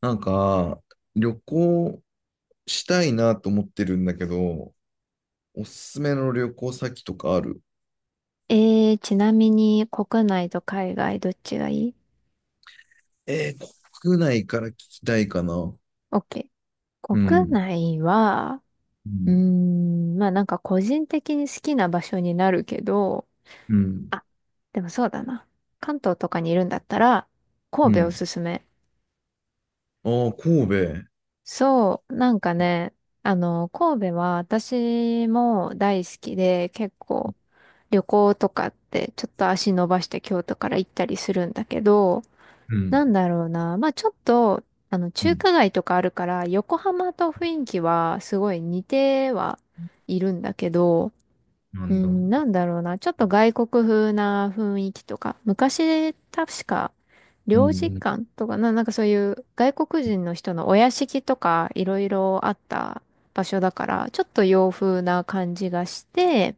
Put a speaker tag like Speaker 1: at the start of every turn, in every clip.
Speaker 1: なんか、旅行したいなと思ってるんだけど、おすすめの旅行先とかある？
Speaker 2: ちなみに国内と海外どっちがいい？
Speaker 1: えー、国内から聞きたいかな。う
Speaker 2: OK。
Speaker 1: ん
Speaker 2: 国
Speaker 1: ん。
Speaker 2: 内は、
Speaker 1: う
Speaker 2: うー
Speaker 1: ん。
Speaker 2: ん、まあなんか個人的に好きな場所になるけど、
Speaker 1: うん。
Speaker 2: あ、でもそうだな。関東とかにいるんだったら、
Speaker 1: う
Speaker 2: 神戸お
Speaker 1: ん。
Speaker 2: すすめ。
Speaker 1: ああ、神戸。
Speaker 2: そう、なんかね、神戸は私も大好きで、結構旅行とかってちょっと足伸ばして京都から行ったりするんだけど、
Speaker 1: うん。
Speaker 2: なんだろうな。まあちょっと、
Speaker 1: う
Speaker 2: 中
Speaker 1: ん、
Speaker 2: 華街とかあるから、横浜と雰囲気はすごい似てはいるんだけど、
Speaker 1: な
Speaker 2: う
Speaker 1: んだ。う
Speaker 2: ん、なんだろうな。ちょっと外国風な雰囲気とか、昔、確か、領事
Speaker 1: ん。
Speaker 2: 館とかな、なんかそういう外国人の人のお屋敷とかいろいろあった場所だから、ちょっと洋風な感じがして、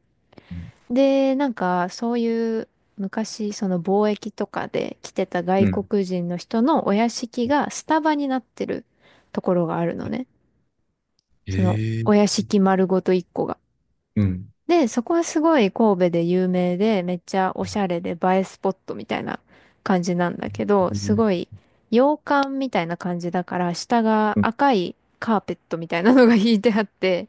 Speaker 1: うん。
Speaker 2: で、なんか、そういう昔、その貿易とかで来てた
Speaker 1: う
Speaker 2: 外
Speaker 1: ん。
Speaker 2: 国人の人のお屋敷がスタバになってるところがあるのね。その
Speaker 1: へえ。
Speaker 2: お屋敷丸ごと一個が。
Speaker 1: うん。
Speaker 2: で、そこはすごい神戸で有名で、めっちゃおしゃれで映えスポットみたいな感じなんだけど、
Speaker 1: う
Speaker 2: す
Speaker 1: ん。
Speaker 2: ごい洋館みたいな感じだから、下が赤いカーペットみたいなのが 敷いてあって、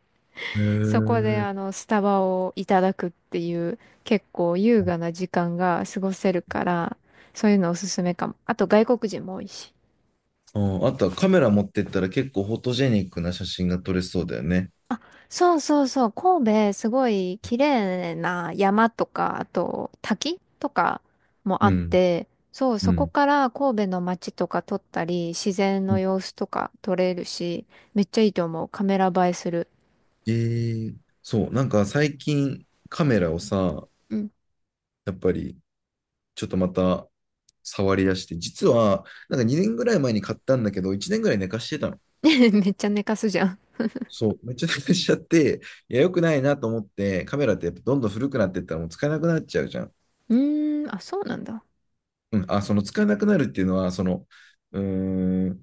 Speaker 1: へ
Speaker 2: そこで
Speaker 1: え。
Speaker 2: あのスタバをいただくっていう結構優雅な時間が過ごせるから、そういうのおすすめかも。あと外国人も多いし。
Speaker 1: ああ、あとはカメラ持ってったら結構フォトジェニックな写真が撮れそうだよね。
Speaker 2: あ、そうそうそう、神戸すごい綺麗な山とか、あと滝とかもあ
Speaker 1: う
Speaker 2: っ
Speaker 1: ん。
Speaker 2: て、そう、
Speaker 1: う
Speaker 2: そこ
Speaker 1: ん。
Speaker 2: から神戸の街とか撮ったり、自然の様子とか撮れるし、めっちゃいいと思う。カメラ映えする。
Speaker 1: そう、なんか最近カメラをさ、
Speaker 2: うん。
Speaker 1: やっぱりちょっとまた触り出して、実はなんか2年ぐらい前に買ったんだけど、1年ぐらい寝かしてたの。
Speaker 2: めっちゃ寝かすじゃん。
Speaker 1: そう、めっちゃ寝かしちゃって、いや、良くないなと思って、カメラってやっぱどんどん古くなってったらもう使えなくなっちゃうじゃん。
Speaker 2: うーん、あ、そうなんだ。
Speaker 1: うん、あ、その使えなくなるっていうのは、その、うーん、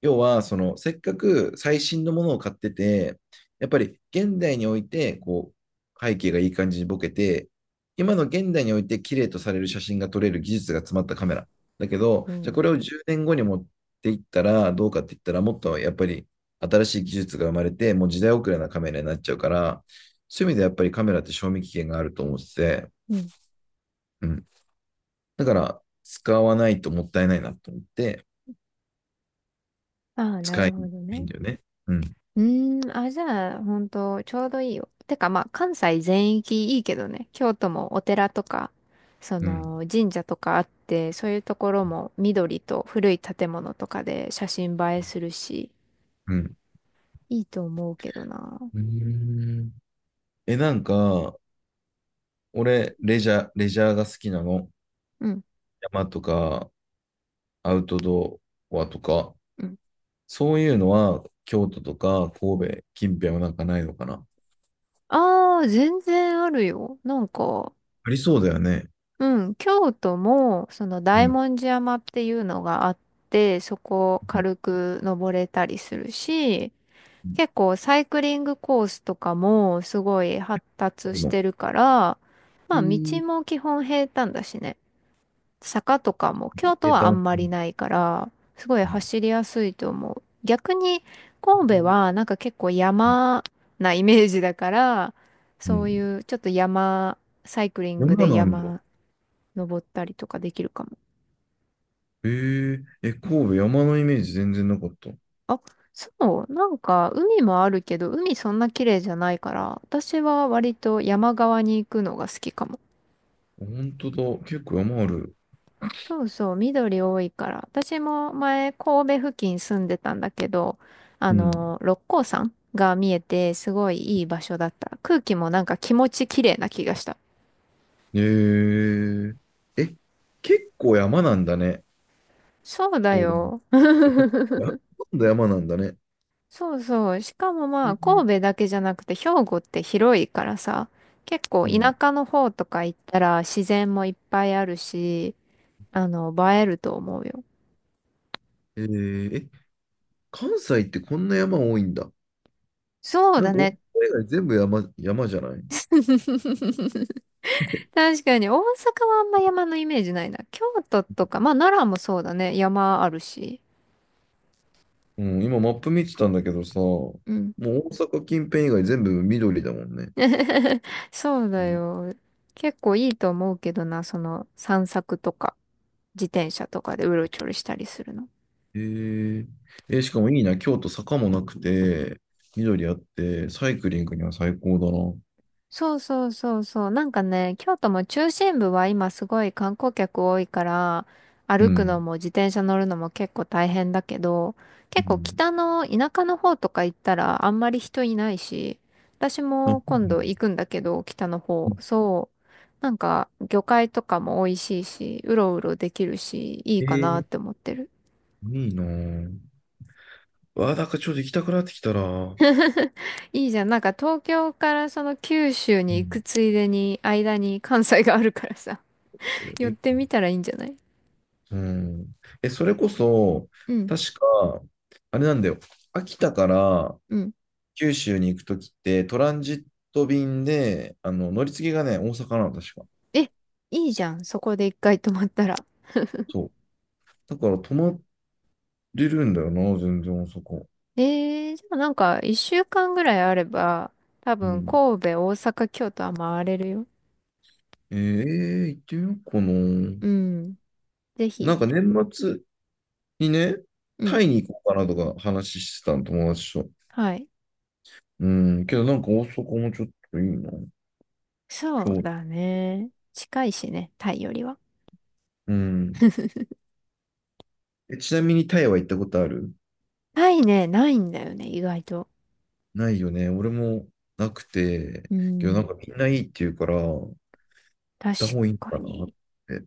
Speaker 1: 要は、その、せっかく最新のものを買ってて、やっぱり現代において、こう、背景がいい感じにボケて、今の現代において綺麗とされる写真が撮れる技術が詰まったカメラ。だけど、
Speaker 2: う
Speaker 1: じゃあこ
Speaker 2: ん。
Speaker 1: れを10年後に持っていったらどうかって言ったら、もっとやっぱり新しい技術が生まれて、もう時代遅れなカメラになっちゃうから、そういう意味でやっぱりカメラって賞味期限があると思ってて、
Speaker 2: うん、
Speaker 1: うん。だから、使わないともったいないなと思って、
Speaker 2: ああ、な
Speaker 1: 使
Speaker 2: る
Speaker 1: い
Speaker 2: ほ
Speaker 1: た
Speaker 2: ど
Speaker 1: いん
Speaker 2: ね。
Speaker 1: だよね。うん。
Speaker 2: うーん、あ、じゃあ、ほんと、ちょうどいいよ。てか、まあ、関西全域いいけどね。京都もお寺とか、そ
Speaker 1: うん。
Speaker 2: の、神社とかあって、そういうところも緑と古い建物とかで写真映えするし、
Speaker 1: うん。
Speaker 2: いいと思うけどな。
Speaker 1: うーん。え、なんか、俺、レジャーが好きなの。
Speaker 2: うん、
Speaker 1: 山とか、アウトドアとか、
Speaker 2: うん。
Speaker 1: そういうのは、京都とか、神戸、近辺はなんかないのかな？
Speaker 2: ああ、全然あるよ。なんか、
Speaker 1: ありそうだよね。
Speaker 2: うん、京都も、その、
Speaker 1: う
Speaker 2: 大
Speaker 1: ん。
Speaker 2: 文字山っていうのがあって、そこを軽
Speaker 1: う
Speaker 2: く登れたりするし、結
Speaker 1: ん、
Speaker 2: 構サイクリングコースとかもすごい発
Speaker 1: そう
Speaker 2: 達
Speaker 1: いう
Speaker 2: し
Speaker 1: の。
Speaker 2: てるから、
Speaker 1: え
Speaker 2: まあ道
Speaker 1: ー、
Speaker 2: も基本平坦だしね。坂とかも京都はあん
Speaker 1: う
Speaker 2: まりないから、すごい
Speaker 1: ん
Speaker 2: 走りやすいと思う。逆に神戸はなんか結構山なイメージだから、
Speaker 1: う
Speaker 2: そう
Speaker 1: ん。
Speaker 2: いうちょっと山、サイクリング
Speaker 1: 山
Speaker 2: で
Speaker 1: なんだ。
Speaker 2: 山登ったりとかできるかも。
Speaker 1: 神戸、山のイメージ全然なかった。
Speaker 2: あ、そう、なんか海もあるけど、海そんな綺麗じゃないから、私は割と山側に行くのが好きかも。
Speaker 1: 本当だ。結構山ある。
Speaker 2: そうそう、緑多いから。私も前、神戸付近住んでたんだけど、
Speaker 1: うん。
Speaker 2: 六甲山が見えて、すごいいい場所だった。空気もなんか気持ち綺麗な気がした。
Speaker 1: えー、え、結構山なんだね。
Speaker 2: そうだ
Speaker 1: 交番。
Speaker 2: よ。
Speaker 1: えこあ今度山なんだね。
Speaker 2: そうそう。しかも
Speaker 1: え
Speaker 2: まあ、
Speaker 1: ー
Speaker 2: 神戸だけじゃなくて、兵庫って広いからさ、結構
Speaker 1: う
Speaker 2: 田
Speaker 1: ん。
Speaker 2: 舎の方とか行ったら自然もいっぱいあるし、映えると思うよ。
Speaker 1: えーえ、関西ってこんな山多いんだ。
Speaker 2: そう
Speaker 1: な
Speaker 2: だ
Speaker 1: んか、大阪
Speaker 2: ね。
Speaker 1: 以外全部山、山じゃない？
Speaker 2: 確かに、大阪はあんま山のイメージないな。京都とか、まあ奈良もそうだね。山あるし。
Speaker 1: うん、今マップ見てたんだけどさ、も
Speaker 2: うん。
Speaker 1: う大阪近辺以外全部緑だもんね。
Speaker 2: そう
Speaker 1: う
Speaker 2: だ
Speaker 1: ん、
Speaker 2: よ。結構いいと思うけどな、その散策とか、自転車とかでうろちょろしたりするの。
Speaker 1: えーしかもいいな、京都坂もなくて、緑あって、サイクリングには最高だな。
Speaker 2: そうそうそうそう。なんかね、京都も中心部は今すごい観光客多いから、
Speaker 1: う
Speaker 2: 歩くの
Speaker 1: ん。
Speaker 2: も自転車乗るのも結構大変だけど、
Speaker 1: う
Speaker 2: 結構
Speaker 1: ん。
Speaker 2: 北の田舎の方とか行ったらあんまり人いないし、私
Speaker 1: あ、そ
Speaker 2: も
Speaker 1: う
Speaker 2: 今
Speaker 1: ね。
Speaker 2: 度行くんだけど、北の
Speaker 1: う
Speaker 2: 方、
Speaker 1: ん。
Speaker 2: そう。なんか魚介とかも美味しいし、うろうろできるし、いい
Speaker 1: え
Speaker 2: かなって
Speaker 1: ー
Speaker 2: 思ってる。
Speaker 1: いいなぁ。わあ、なんかちょっと行きたくなってきたな。
Speaker 2: いいじゃん。なんか東京からその九州
Speaker 1: う
Speaker 2: に行く
Speaker 1: ん。
Speaker 2: ついでに、間に関西があるからさ、寄っ
Speaker 1: え、
Speaker 2: てみたらいいんじゃない？
Speaker 1: うん。それこそ、
Speaker 2: うん。
Speaker 1: 確か、あれなんだよ。秋田から
Speaker 2: うん。
Speaker 1: 九州に行くときって、トランジット便で、あの、乗り継ぎがね、大阪なの、確か。
Speaker 2: え、いいじゃん。そこで一回泊まったら。
Speaker 1: そう。だから、泊まれるんだよな、全然大阪。
Speaker 2: じゃあなんか一週間ぐらいあれば、多
Speaker 1: う
Speaker 2: 分
Speaker 1: ん。
Speaker 2: 神戸、大阪、京都は回れるよ。
Speaker 1: 行ってみようかな。
Speaker 2: うん。ぜ
Speaker 1: な
Speaker 2: ひ。
Speaker 1: んか年末にね、
Speaker 2: うん。
Speaker 1: タイに行こうかなとか話してたの、友達と。
Speaker 2: はい。
Speaker 1: うん。けど、なんか大阪もちょっといいな。
Speaker 2: そ
Speaker 1: 今
Speaker 2: う
Speaker 1: 日。
Speaker 2: だね。近いしね、タイよりは。
Speaker 1: うん。ちなみにタイは行ったことある？
Speaker 2: タイね、ないんだよね、意外と。
Speaker 1: ないよね。俺もなくて、
Speaker 2: う
Speaker 1: けどなん
Speaker 2: ん。
Speaker 1: かみんないいって言うから、行っ
Speaker 2: 確
Speaker 1: た方がいい
Speaker 2: か
Speaker 1: のかなっ
Speaker 2: に。
Speaker 1: て。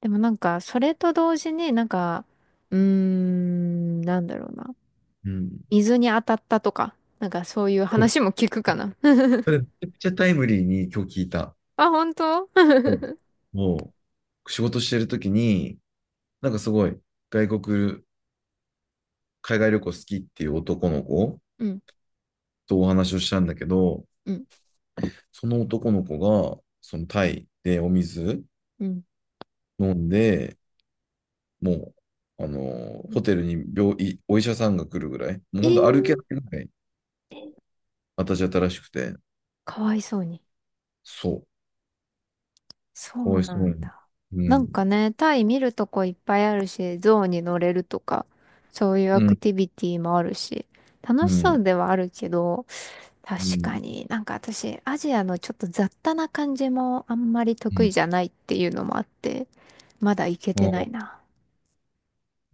Speaker 2: でもなんか、それと同時になんか、うーん、なんだろうな。
Speaker 1: うん。
Speaker 2: 水に当たったとか、なんかそういう
Speaker 1: そう。
Speaker 2: 話も聞くかな。
Speaker 1: それめちゃくちゃタイムリーに今日聞いた。
Speaker 2: あ、本当？
Speaker 1: うん。もう仕事してる時に、なんかすごい外国、海外旅行好きっていう男の子
Speaker 2: うん
Speaker 1: とお話をしたんだけど、
Speaker 2: うん、
Speaker 1: その男の子が、そのタイでお水
Speaker 2: うん。
Speaker 1: 飲んで、もう、あの、ホテルに病院、お医者さんが来るぐらい、もう
Speaker 2: え
Speaker 1: ほんと
Speaker 2: ー、
Speaker 1: 歩けないぐらい私新しくて、
Speaker 2: かわいそうに。
Speaker 1: そう。
Speaker 2: そ
Speaker 1: か
Speaker 2: う
Speaker 1: わいそ
Speaker 2: な
Speaker 1: う
Speaker 2: ん
Speaker 1: に。
Speaker 2: だ。
Speaker 1: う
Speaker 2: なん
Speaker 1: ん。
Speaker 2: かね、タイ見るとこいっぱいあるし、象に乗れるとか、そういう
Speaker 1: う
Speaker 2: アク
Speaker 1: ん。
Speaker 2: ティビティもあるし、
Speaker 1: う
Speaker 2: 楽しそう
Speaker 1: ん。
Speaker 2: ではあるけど、
Speaker 1: う
Speaker 2: 確か
Speaker 1: ん。
Speaker 2: になんか私、アジアのちょっと雑多な感じもあんまり
Speaker 1: う
Speaker 2: 得意
Speaker 1: ん。
Speaker 2: じゃないっていうのもあって、まだ行け
Speaker 1: あ
Speaker 2: てな
Speaker 1: あ、
Speaker 2: いな。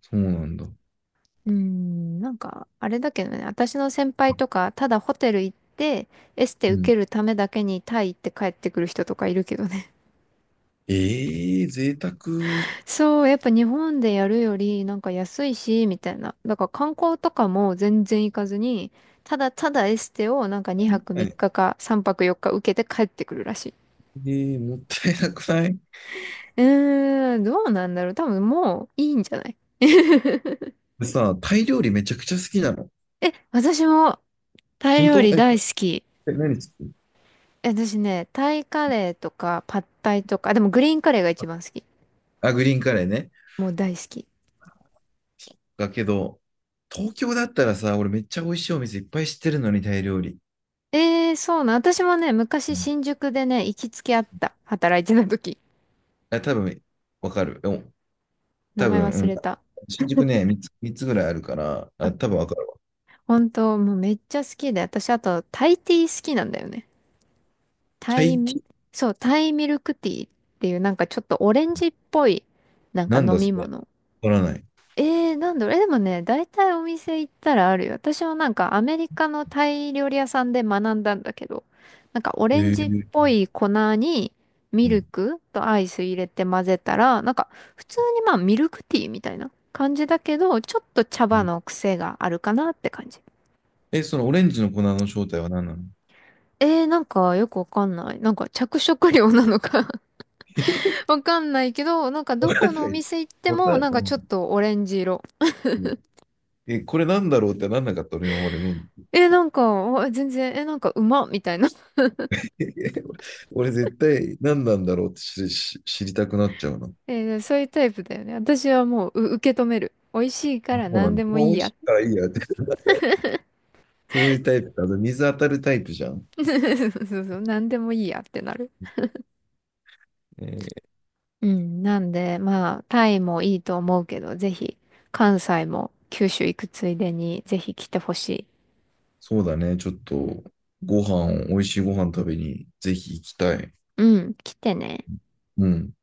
Speaker 1: そうなんだ。
Speaker 2: うーん、なんか、あれだけどね、私の先輩とか、ただホテル行って、エステ
Speaker 1: う
Speaker 2: 受
Speaker 1: ん。
Speaker 2: けるためだけにタイ行って帰ってくる人とかいるけどね。
Speaker 1: ええー贅沢。は
Speaker 2: そう、やっぱ日本でやるよりなんか安いし、みたいな。だから観光とかも全然行かずに、ただただエステをなんか2
Speaker 1: い。
Speaker 2: 泊3
Speaker 1: え
Speaker 2: 日か3泊4日受けて帰ってくるらしい。
Speaker 1: えー、もったいなくない？
Speaker 2: うーん、どうなんだろう。多分もういいんじゃない？
Speaker 1: でさ、タイ料理めちゃくちゃ好きなの。
Speaker 2: え、私もタイ
Speaker 1: 本
Speaker 2: 料
Speaker 1: 当？
Speaker 2: 理
Speaker 1: え、
Speaker 2: 大好き。
Speaker 1: え何好き？
Speaker 2: え私ね、タイカレーとかパッタイとか、あでもグリーンカレーが一番好き。
Speaker 1: あ、グリーンカレーね。
Speaker 2: もう大好き。
Speaker 1: だけど、東京だったらさ、俺めっちゃ美味しいお店いっぱい知ってるのに、タイ料理。
Speaker 2: えー、そうなん。私もね、昔
Speaker 1: うん、
Speaker 2: 新宿でね、行きつけあった。働いてた時。
Speaker 1: あ、多分、わかる。お、
Speaker 2: 名
Speaker 1: 多
Speaker 2: 前
Speaker 1: 分、う
Speaker 2: 忘
Speaker 1: ん。
Speaker 2: れた。
Speaker 1: 新宿ね、3つ、三つぐらいあるから、あ、多分わかるわ。
Speaker 2: 本当、もうめっちゃ好きで、私あとタイティー好きなんだよね。タ
Speaker 1: タ
Speaker 2: イ、
Speaker 1: イティー？
Speaker 2: そう、タイミルクティーっていうなんかちょっとオレンジっぽいなんか
Speaker 1: なん
Speaker 2: 飲
Speaker 1: だそ
Speaker 2: み
Speaker 1: れ？わ
Speaker 2: 物。
Speaker 1: からない。
Speaker 2: えー、なんだろう、え、でもね、大体お店行ったらあるよ。私もなんかアメリカのタイ料理屋さんで学んだんだけど、なんかオ
Speaker 1: え
Speaker 2: レンジっ
Speaker 1: ー、
Speaker 2: ぽい粉にミ
Speaker 1: う
Speaker 2: ル
Speaker 1: ん。
Speaker 2: クとアイス入れて混ぜたら、なんか普通にまあミルクティーみたいな感じだけど、ちょっと茶
Speaker 1: う
Speaker 2: 葉
Speaker 1: ん。
Speaker 2: の癖があるかなって感じ。
Speaker 1: そのオレンジの粉の正体は何なの？
Speaker 2: えー、なんかよくわかんない。なんか着色料なのか わかんないけど、なんかど
Speaker 1: わか
Speaker 2: こ
Speaker 1: ん
Speaker 2: のお
Speaker 1: ない。
Speaker 2: 店行って
Speaker 1: わか
Speaker 2: も、
Speaker 1: ん
Speaker 2: なんかちょっとオレンジ色。
Speaker 1: うん。これなんだろうってなんなかった俺今まで飲ん
Speaker 2: えー、なんか、あ全然、えー、なんかうまっみたいな
Speaker 1: で。俺絶対何なんだろうって知りたくなっちゃうな。
Speaker 2: えー、そういうタイプだよね。私はもう、受け止める。美味しいか
Speaker 1: あ、
Speaker 2: ら
Speaker 1: そうな
Speaker 2: 何
Speaker 1: んだ。
Speaker 2: でも
Speaker 1: まあ、美
Speaker 2: いい
Speaker 1: 味し
Speaker 2: や。
Speaker 1: いからいいやって。そういうタイプか。あと水当たるタイプじゃん。
Speaker 2: そうそう、何でもいいやってなる。
Speaker 1: えー
Speaker 2: うん、なんで、まあ、タイもいいと思うけど、ぜひ、関西も九州行くついでに、ぜひ来てほしい。
Speaker 1: そうだね。ちょっと、ご飯、美味しいご飯食べに、ぜひ行きたい。
Speaker 2: うん、来てね。
Speaker 1: うん。